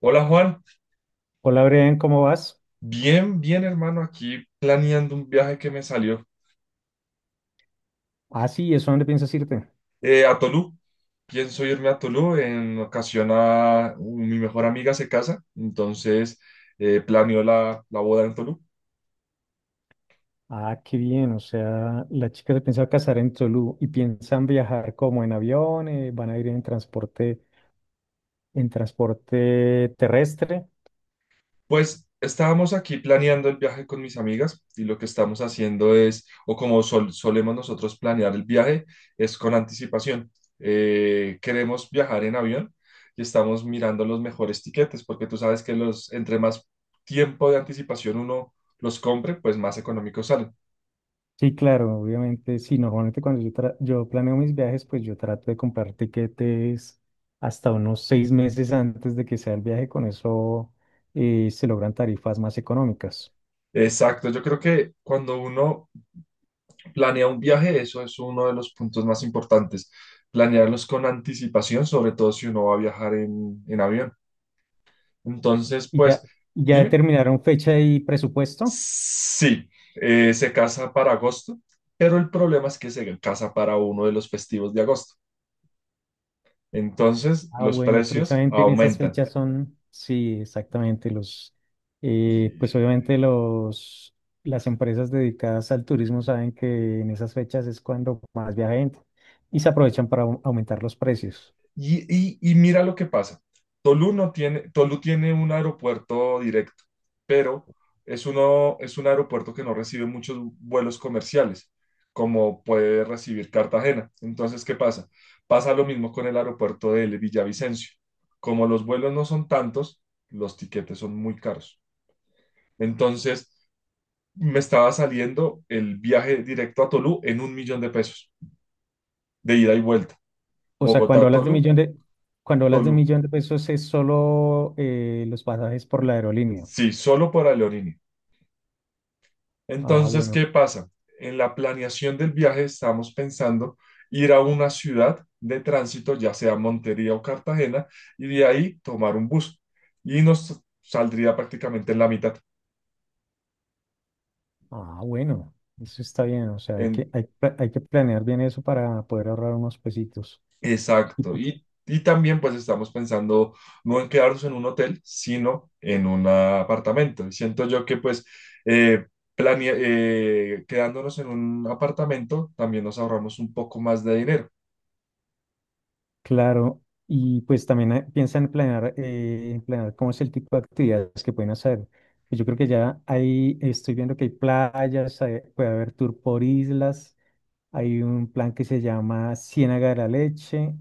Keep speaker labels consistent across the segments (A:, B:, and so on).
A: Hola Juan,
B: Hola, Brian, ¿cómo vas?
A: bien, bien hermano, aquí planeando un viaje que me salió
B: Ah, sí, ¿eso dónde piensas irte?
A: a Tolú. Pienso irme a Tolú, en ocasión a mi mejor amiga se casa, entonces planeo la boda en Tolú.
B: Ah, qué bien, o sea, la chica se piensa casar en Tolú y piensan viajar como en avión, van a ir en transporte terrestre.
A: Pues estábamos aquí planeando el viaje con mis amigas y lo que estamos haciendo es, o como solemos nosotros planear el viaje, es con anticipación. Queremos viajar en avión y estamos mirando los mejores tiquetes porque tú sabes que los, entre más tiempo de anticipación uno los compre, pues más económicos salen.
B: Sí, claro, obviamente, sí, normalmente cuando yo planeo mis viajes, pues yo trato de comprar tiquetes hasta unos 6 meses antes de que sea el viaje, con eso se logran tarifas más económicas.
A: Exacto, yo creo que cuando uno planea un viaje, eso es uno de los puntos más importantes, planearlos con anticipación, sobre todo si uno va a viajar en avión. Entonces,
B: ¿Y ya,
A: pues,
B: ya
A: dime,
B: determinaron fecha y presupuesto?
A: sí, se casa para agosto, pero el problema es que se casa para uno de los festivos de agosto. Entonces,
B: Ah,
A: los
B: bueno,
A: precios
B: precisamente en esas
A: aumentan.
B: fechas son, sí, exactamente, los, pues obviamente los, las empresas dedicadas al turismo saben que en esas fechas es cuando más viaja gente y se aprovechan para aumentar los precios.
A: Y mira lo que pasa. Tolu no tiene, Tolu tiene un aeropuerto directo, pero es uno, es un aeropuerto que no recibe muchos vuelos comerciales, como puede recibir Cartagena. Entonces, ¿qué pasa? Pasa lo mismo con el aeropuerto de Villavicencio. Como los vuelos no son tantos, los tiquetes son muy caros. Entonces, me estaba saliendo el viaje directo a Tolú en 1.000.000 de pesos, de ida y vuelta.
B: O sea,
A: Bogotá a Tolú,
B: cuando hablas de
A: Tolú.
B: millón de pesos es solo los pasajes por la aerolínea.
A: Sí, solo por Leonini.
B: Ah,
A: Entonces,
B: bueno,
A: ¿qué pasa? En la planeación del viaje estamos pensando ir a una ciudad de tránsito, ya sea Montería o Cartagena, y de ahí tomar un bus. Y nos saldría prácticamente en la mitad.
B: ah, bueno, eso está bien, o sea, hay
A: En,
B: que, hay, pla- hay que planear bien eso para poder ahorrar unos pesitos.
A: exacto. Y también pues estamos pensando no en quedarnos en un hotel, sino en un apartamento. Y siento yo que pues eh, quedándonos en un apartamento también nos ahorramos un poco más de dinero.
B: Claro, y pues también piensan en planear cómo es el tipo de actividades que pueden hacer. Pues yo creo que ya ahí estoy viendo que hay playas, puede haber tour por islas, hay un plan que se llama Ciénaga de la Leche,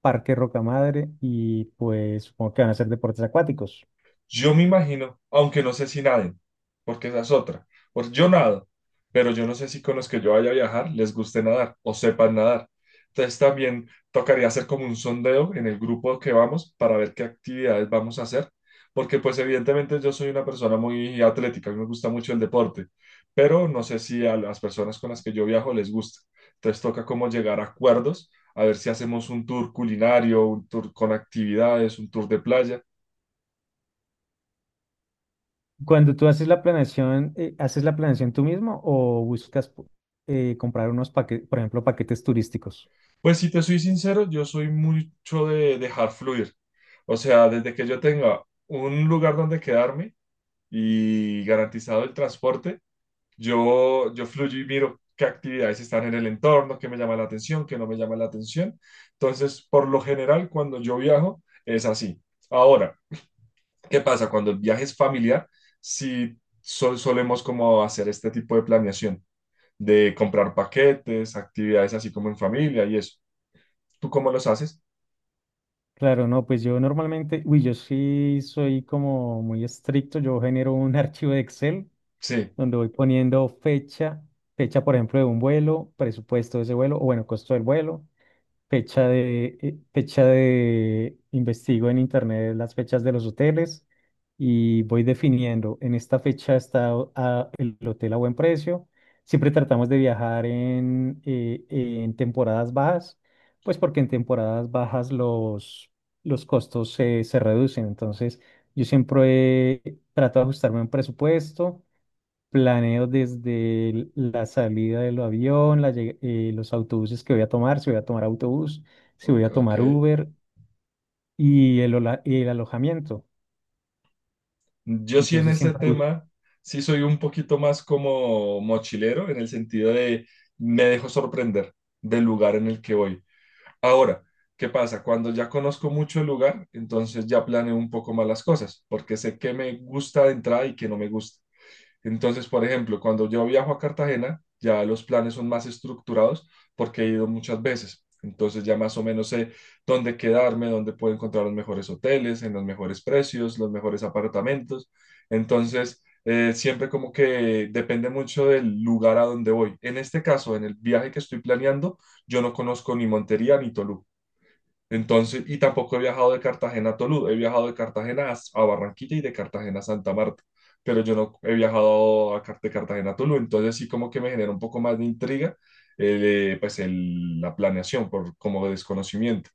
B: Parque Rocamadre y pues supongo que van a hacer deportes acuáticos.
A: Yo me imagino, aunque no sé si naden, porque esa es otra. Porque yo nado, pero yo no sé si con los que yo vaya a viajar les guste nadar o sepan nadar. Entonces también tocaría hacer como un sondeo en el grupo que vamos para ver qué actividades vamos a hacer, porque pues evidentemente yo soy una persona muy atlética, a mí me gusta mucho el deporte, pero no sé si a las personas con las que yo viajo les gusta. Entonces toca como llegar a acuerdos, a ver si hacemos un tour culinario, un tour con actividades, un tour de playa.
B: Cuando tú ¿haces la planeación tú mismo o buscas comprar unos paquetes, por ejemplo, paquetes turísticos?
A: Pues si te soy sincero, yo soy mucho de dejar fluir. O sea, desde que yo tenga un lugar donde quedarme y garantizado el transporte, yo fluyo y miro qué actividades están en el entorno, qué me llama la atención, qué no me llama la atención. Entonces, por lo general, cuando yo viajo, es así. Ahora, ¿qué pasa cuando el viaje es familiar? Si solemos como hacer este tipo de planeación, de comprar paquetes, actividades así como en familia y eso. ¿Tú cómo los haces?
B: Claro, no, pues yo normalmente, uy, yo sí soy como muy estricto, yo genero un archivo de Excel
A: Sí,
B: donde voy poniendo fecha por ejemplo de un vuelo, presupuesto de ese vuelo o bueno, costo del vuelo. Investigo en internet las fechas de los hoteles y voy definiendo. En esta fecha está el hotel a buen precio. Siempre tratamos de viajar en temporadas bajas, pues porque en temporadas bajas los costos se reducen. Entonces, yo siempre trato de ajustarme a un presupuesto. Planeo desde la salida del avión, los autobuses que voy a tomar, si voy a tomar autobús, si voy
A: ok.
B: a
A: Ok.
B: tomar Uber y el alojamiento.
A: Yo sí en
B: Entonces
A: ese
B: siempre.
A: tema, sí soy un poquito más como mochilero en el sentido de me dejo sorprender del lugar en el que voy. Ahora, ¿qué pasa? Cuando ya conozco mucho el lugar, entonces ya planeo un poco más las cosas, porque sé qué me gusta de entrada y qué no me gusta. Entonces, por ejemplo, cuando yo viajo a Cartagena, ya los planes son más estructurados porque he ido muchas veces. Entonces ya más o menos sé dónde quedarme, dónde puedo encontrar los mejores hoteles, en los mejores precios, los mejores apartamentos. Entonces, siempre como que depende mucho del lugar a donde voy. En este caso, en el viaje que estoy planeando, yo no conozco ni Montería ni Toluca. Entonces, y tampoco he viajado de Cartagena a Tolú, he viajado de Cartagena a Barranquilla y de Cartagena a Santa Marta, pero yo no he viajado de Cartagena a Tolú, entonces sí como que me genera un poco más de intriga pues la planeación por como desconocimiento.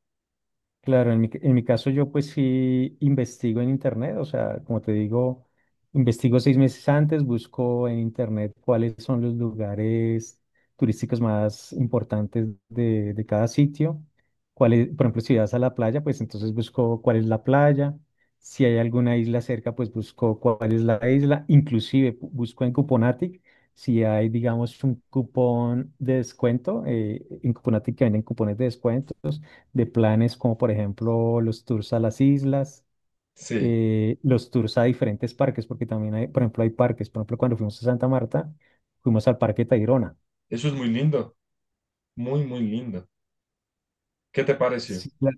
B: Claro, en mi caso yo pues sí investigo en internet, o sea, como te digo, investigo 6 meses antes, busco en internet cuáles son los lugares turísticos más importantes de cada sitio, por ejemplo, si vas a la playa, pues entonces busco cuál es la playa, si hay alguna isla cerca, pues busco cuál es la isla, inclusive busco en Cuponatic, si hay, digamos, un cupón de descuento, en Cuponatic que venden cupones de descuento de planes como por ejemplo los tours a las islas,
A: Sí,
B: los tours a diferentes parques, porque también hay, por ejemplo, hay parques, por ejemplo, cuando fuimos a Santa Marta, fuimos al Parque Tayrona.
A: eso es muy lindo, muy, muy lindo. ¿Qué te pareció?
B: Sí, claro,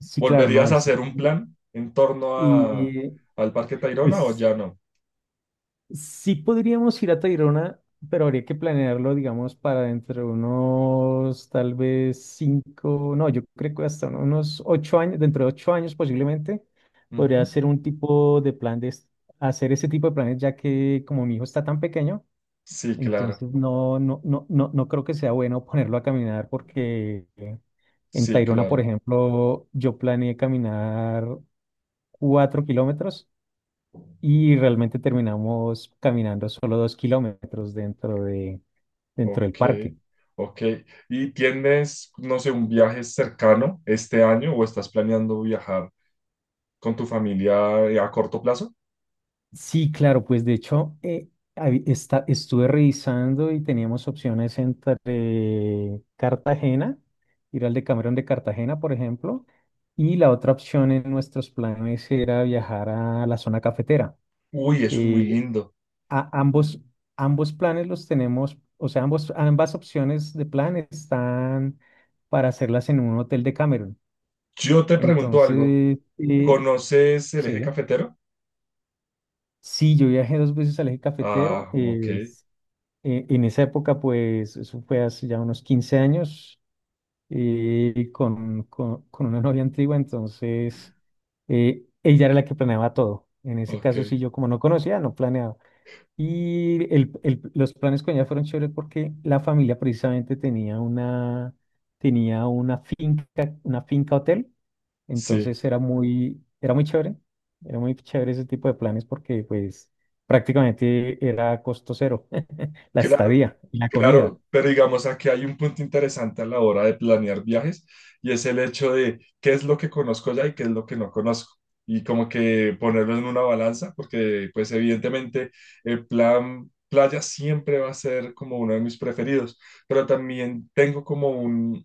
B: sí, claro, ¿no?
A: ¿Volverías a hacer un plan en torno a,
B: Y
A: al Parque Tayrona o
B: pues
A: ya no?
B: sí podríamos ir a Tayrona, pero habría que planearlo, digamos, para dentro de unos tal vez cinco, no, yo creo que hasta unos 8 años, dentro de 8 años posiblemente, podría
A: Ujú.
B: hacer un tipo de plan de hacer ese tipo de planes, ya que como mi hijo está tan pequeño,
A: Sí, claro,
B: entonces no, no, no, no, no creo que sea bueno ponerlo a caminar porque en
A: sí,
B: Tayrona, por
A: claro.
B: ejemplo, yo planeé caminar 4 kilómetros y realmente terminamos caminando solo 2 kilómetros dentro del
A: Ok,
B: parque.
A: ok. ¿Y tienes, no sé, un viaje cercano este año o estás planeando viajar con tu familia a corto plazo?
B: Sí, claro, pues de hecho estuve revisando y teníamos opciones entre Cartagena, ir al Decameron de Cartagena, por ejemplo, y la otra opción en nuestros planes era viajar a la zona cafetera.
A: Uy, eso es muy
B: Eh,
A: lindo.
B: a- ambos, ambos planes los tenemos, o sea, ambas opciones de plan están para hacerlas en un hotel de Cameron.
A: Yo te pregunto algo.
B: Entonces,
A: ¿Conoces el
B: sí,
A: eje cafetero?
B: sí, yo viajé dos veces al eje cafetero.
A: Ah, ok,
B: En esa época, pues, eso fue hace ya unos 15 años, con una novia antigua, entonces ella era la que planeaba todo. En ese
A: ok.
B: caso, sí, yo como no conocía, no planeaba. Y los planes con ella fueron chéveres porque la familia precisamente tenía una finca, una finca hotel.
A: Sí.
B: Entonces era muy chévere ese tipo de planes porque pues prácticamente era costo cero, la
A: Claro,
B: estadía y la comida.
A: claro, pero digamos aquí hay un punto interesante a la hora de planear viajes y es el hecho de qué es lo que conozco ya y qué es lo que no conozco y como que ponerlo en una balanza porque pues evidentemente el plan playa siempre va a ser como uno de mis preferidos, pero también tengo como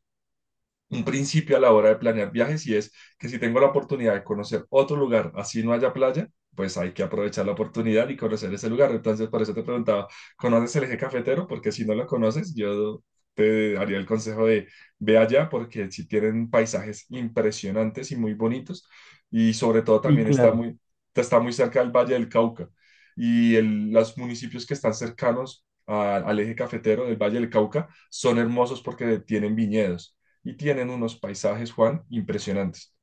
A: un principio a la hora de planear viajes y es que si tengo la oportunidad de conocer otro lugar, así no haya playa, pues hay que aprovechar la oportunidad y conocer ese lugar. Entonces, por eso te preguntaba, ¿conoces el eje cafetero? Porque si no lo conoces, yo te daría el consejo de ve allá porque si tienen paisajes impresionantes y muy bonitos y sobre todo
B: Sí,
A: también
B: claro.
A: está muy cerca del Valle del Cauca y los municipios que están cercanos al eje cafetero del Valle del Cauca son hermosos porque tienen viñedos y tienen unos paisajes, Juan, impresionantes.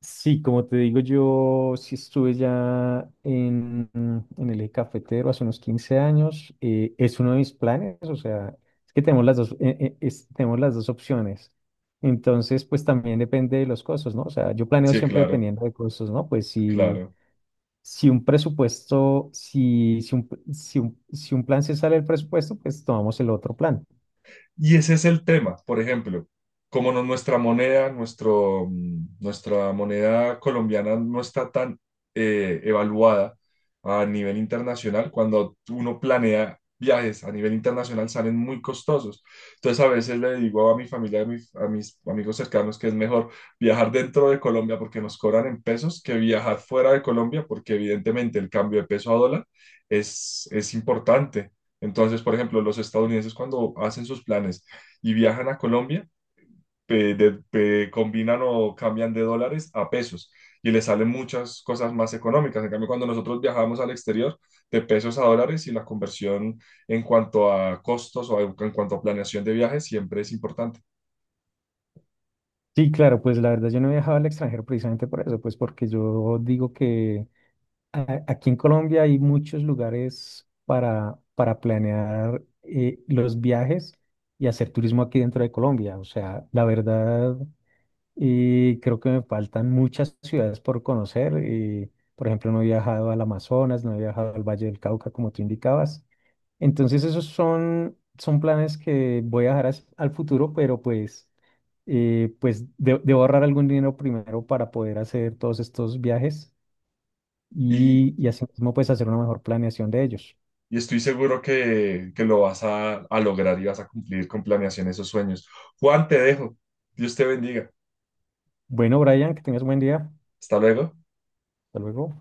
B: Sí, como te digo, yo sí estuve ya en el eje cafetero hace unos 15 años. Es uno de mis planes, o sea, es que tenemos las dos, es- tenemos las dos opciones. Entonces, pues también depende de los costos, ¿no? O sea, yo planeo
A: Sí,
B: siempre
A: claro,
B: dependiendo de costos, ¿no? Pues sí.
A: claro.
B: Si un presupuesto, si, si un, si un- si un plan se sale del presupuesto, pues tomamos el otro plan.
A: Y ese es el tema, por ejemplo, como nuestra moneda, nuestra moneda colombiana no está tan evaluada a nivel internacional, cuando uno planea viajes a nivel internacional salen muy costosos. Entonces a veces le digo a mi familia, a mis amigos cercanos que es mejor viajar dentro de Colombia porque nos cobran en pesos que viajar fuera de Colombia porque evidentemente el cambio de peso a dólar es importante. Entonces, por ejemplo, los estadounidenses cuando hacen sus planes y viajan a Colombia, combinan o cambian de dólares a pesos y les salen muchas cosas más económicas. En cambio, cuando nosotros viajamos al exterior, de pesos a dólares y la conversión en cuanto a costos o en cuanto a planeación de viajes siempre es importante.
B: Sí, claro, pues la verdad yo no he viajado al extranjero precisamente por eso, pues porque yo digo que aquí en Colombia hay muchos lugares para planear los viajes y hacer turismo aquí dentro de Colombia. O sea, la verdad, creo que me faltan muchas ciudades por conocer. Por ejemplo, no he viajado al Amazonas, no he viajado al Valle del Cauca, como tú indicabas. Entonces, esos son planes que voy a dejar al futuro, pero pues, pues debo ahorrar algún dinero primero para poder hacer todos estos viajes
A: Y,
B: y así mismo pues hacer una mejor planeación de ellos.
A: y estoy seguro que lo vas a lograr y vas a cumplir con planeación esos sueños. Juan, te dejo. Dios te bendiga.
B: Bueno, Brian, que tengas un buen día.
A: Hasta luego.
B: Hasta luego.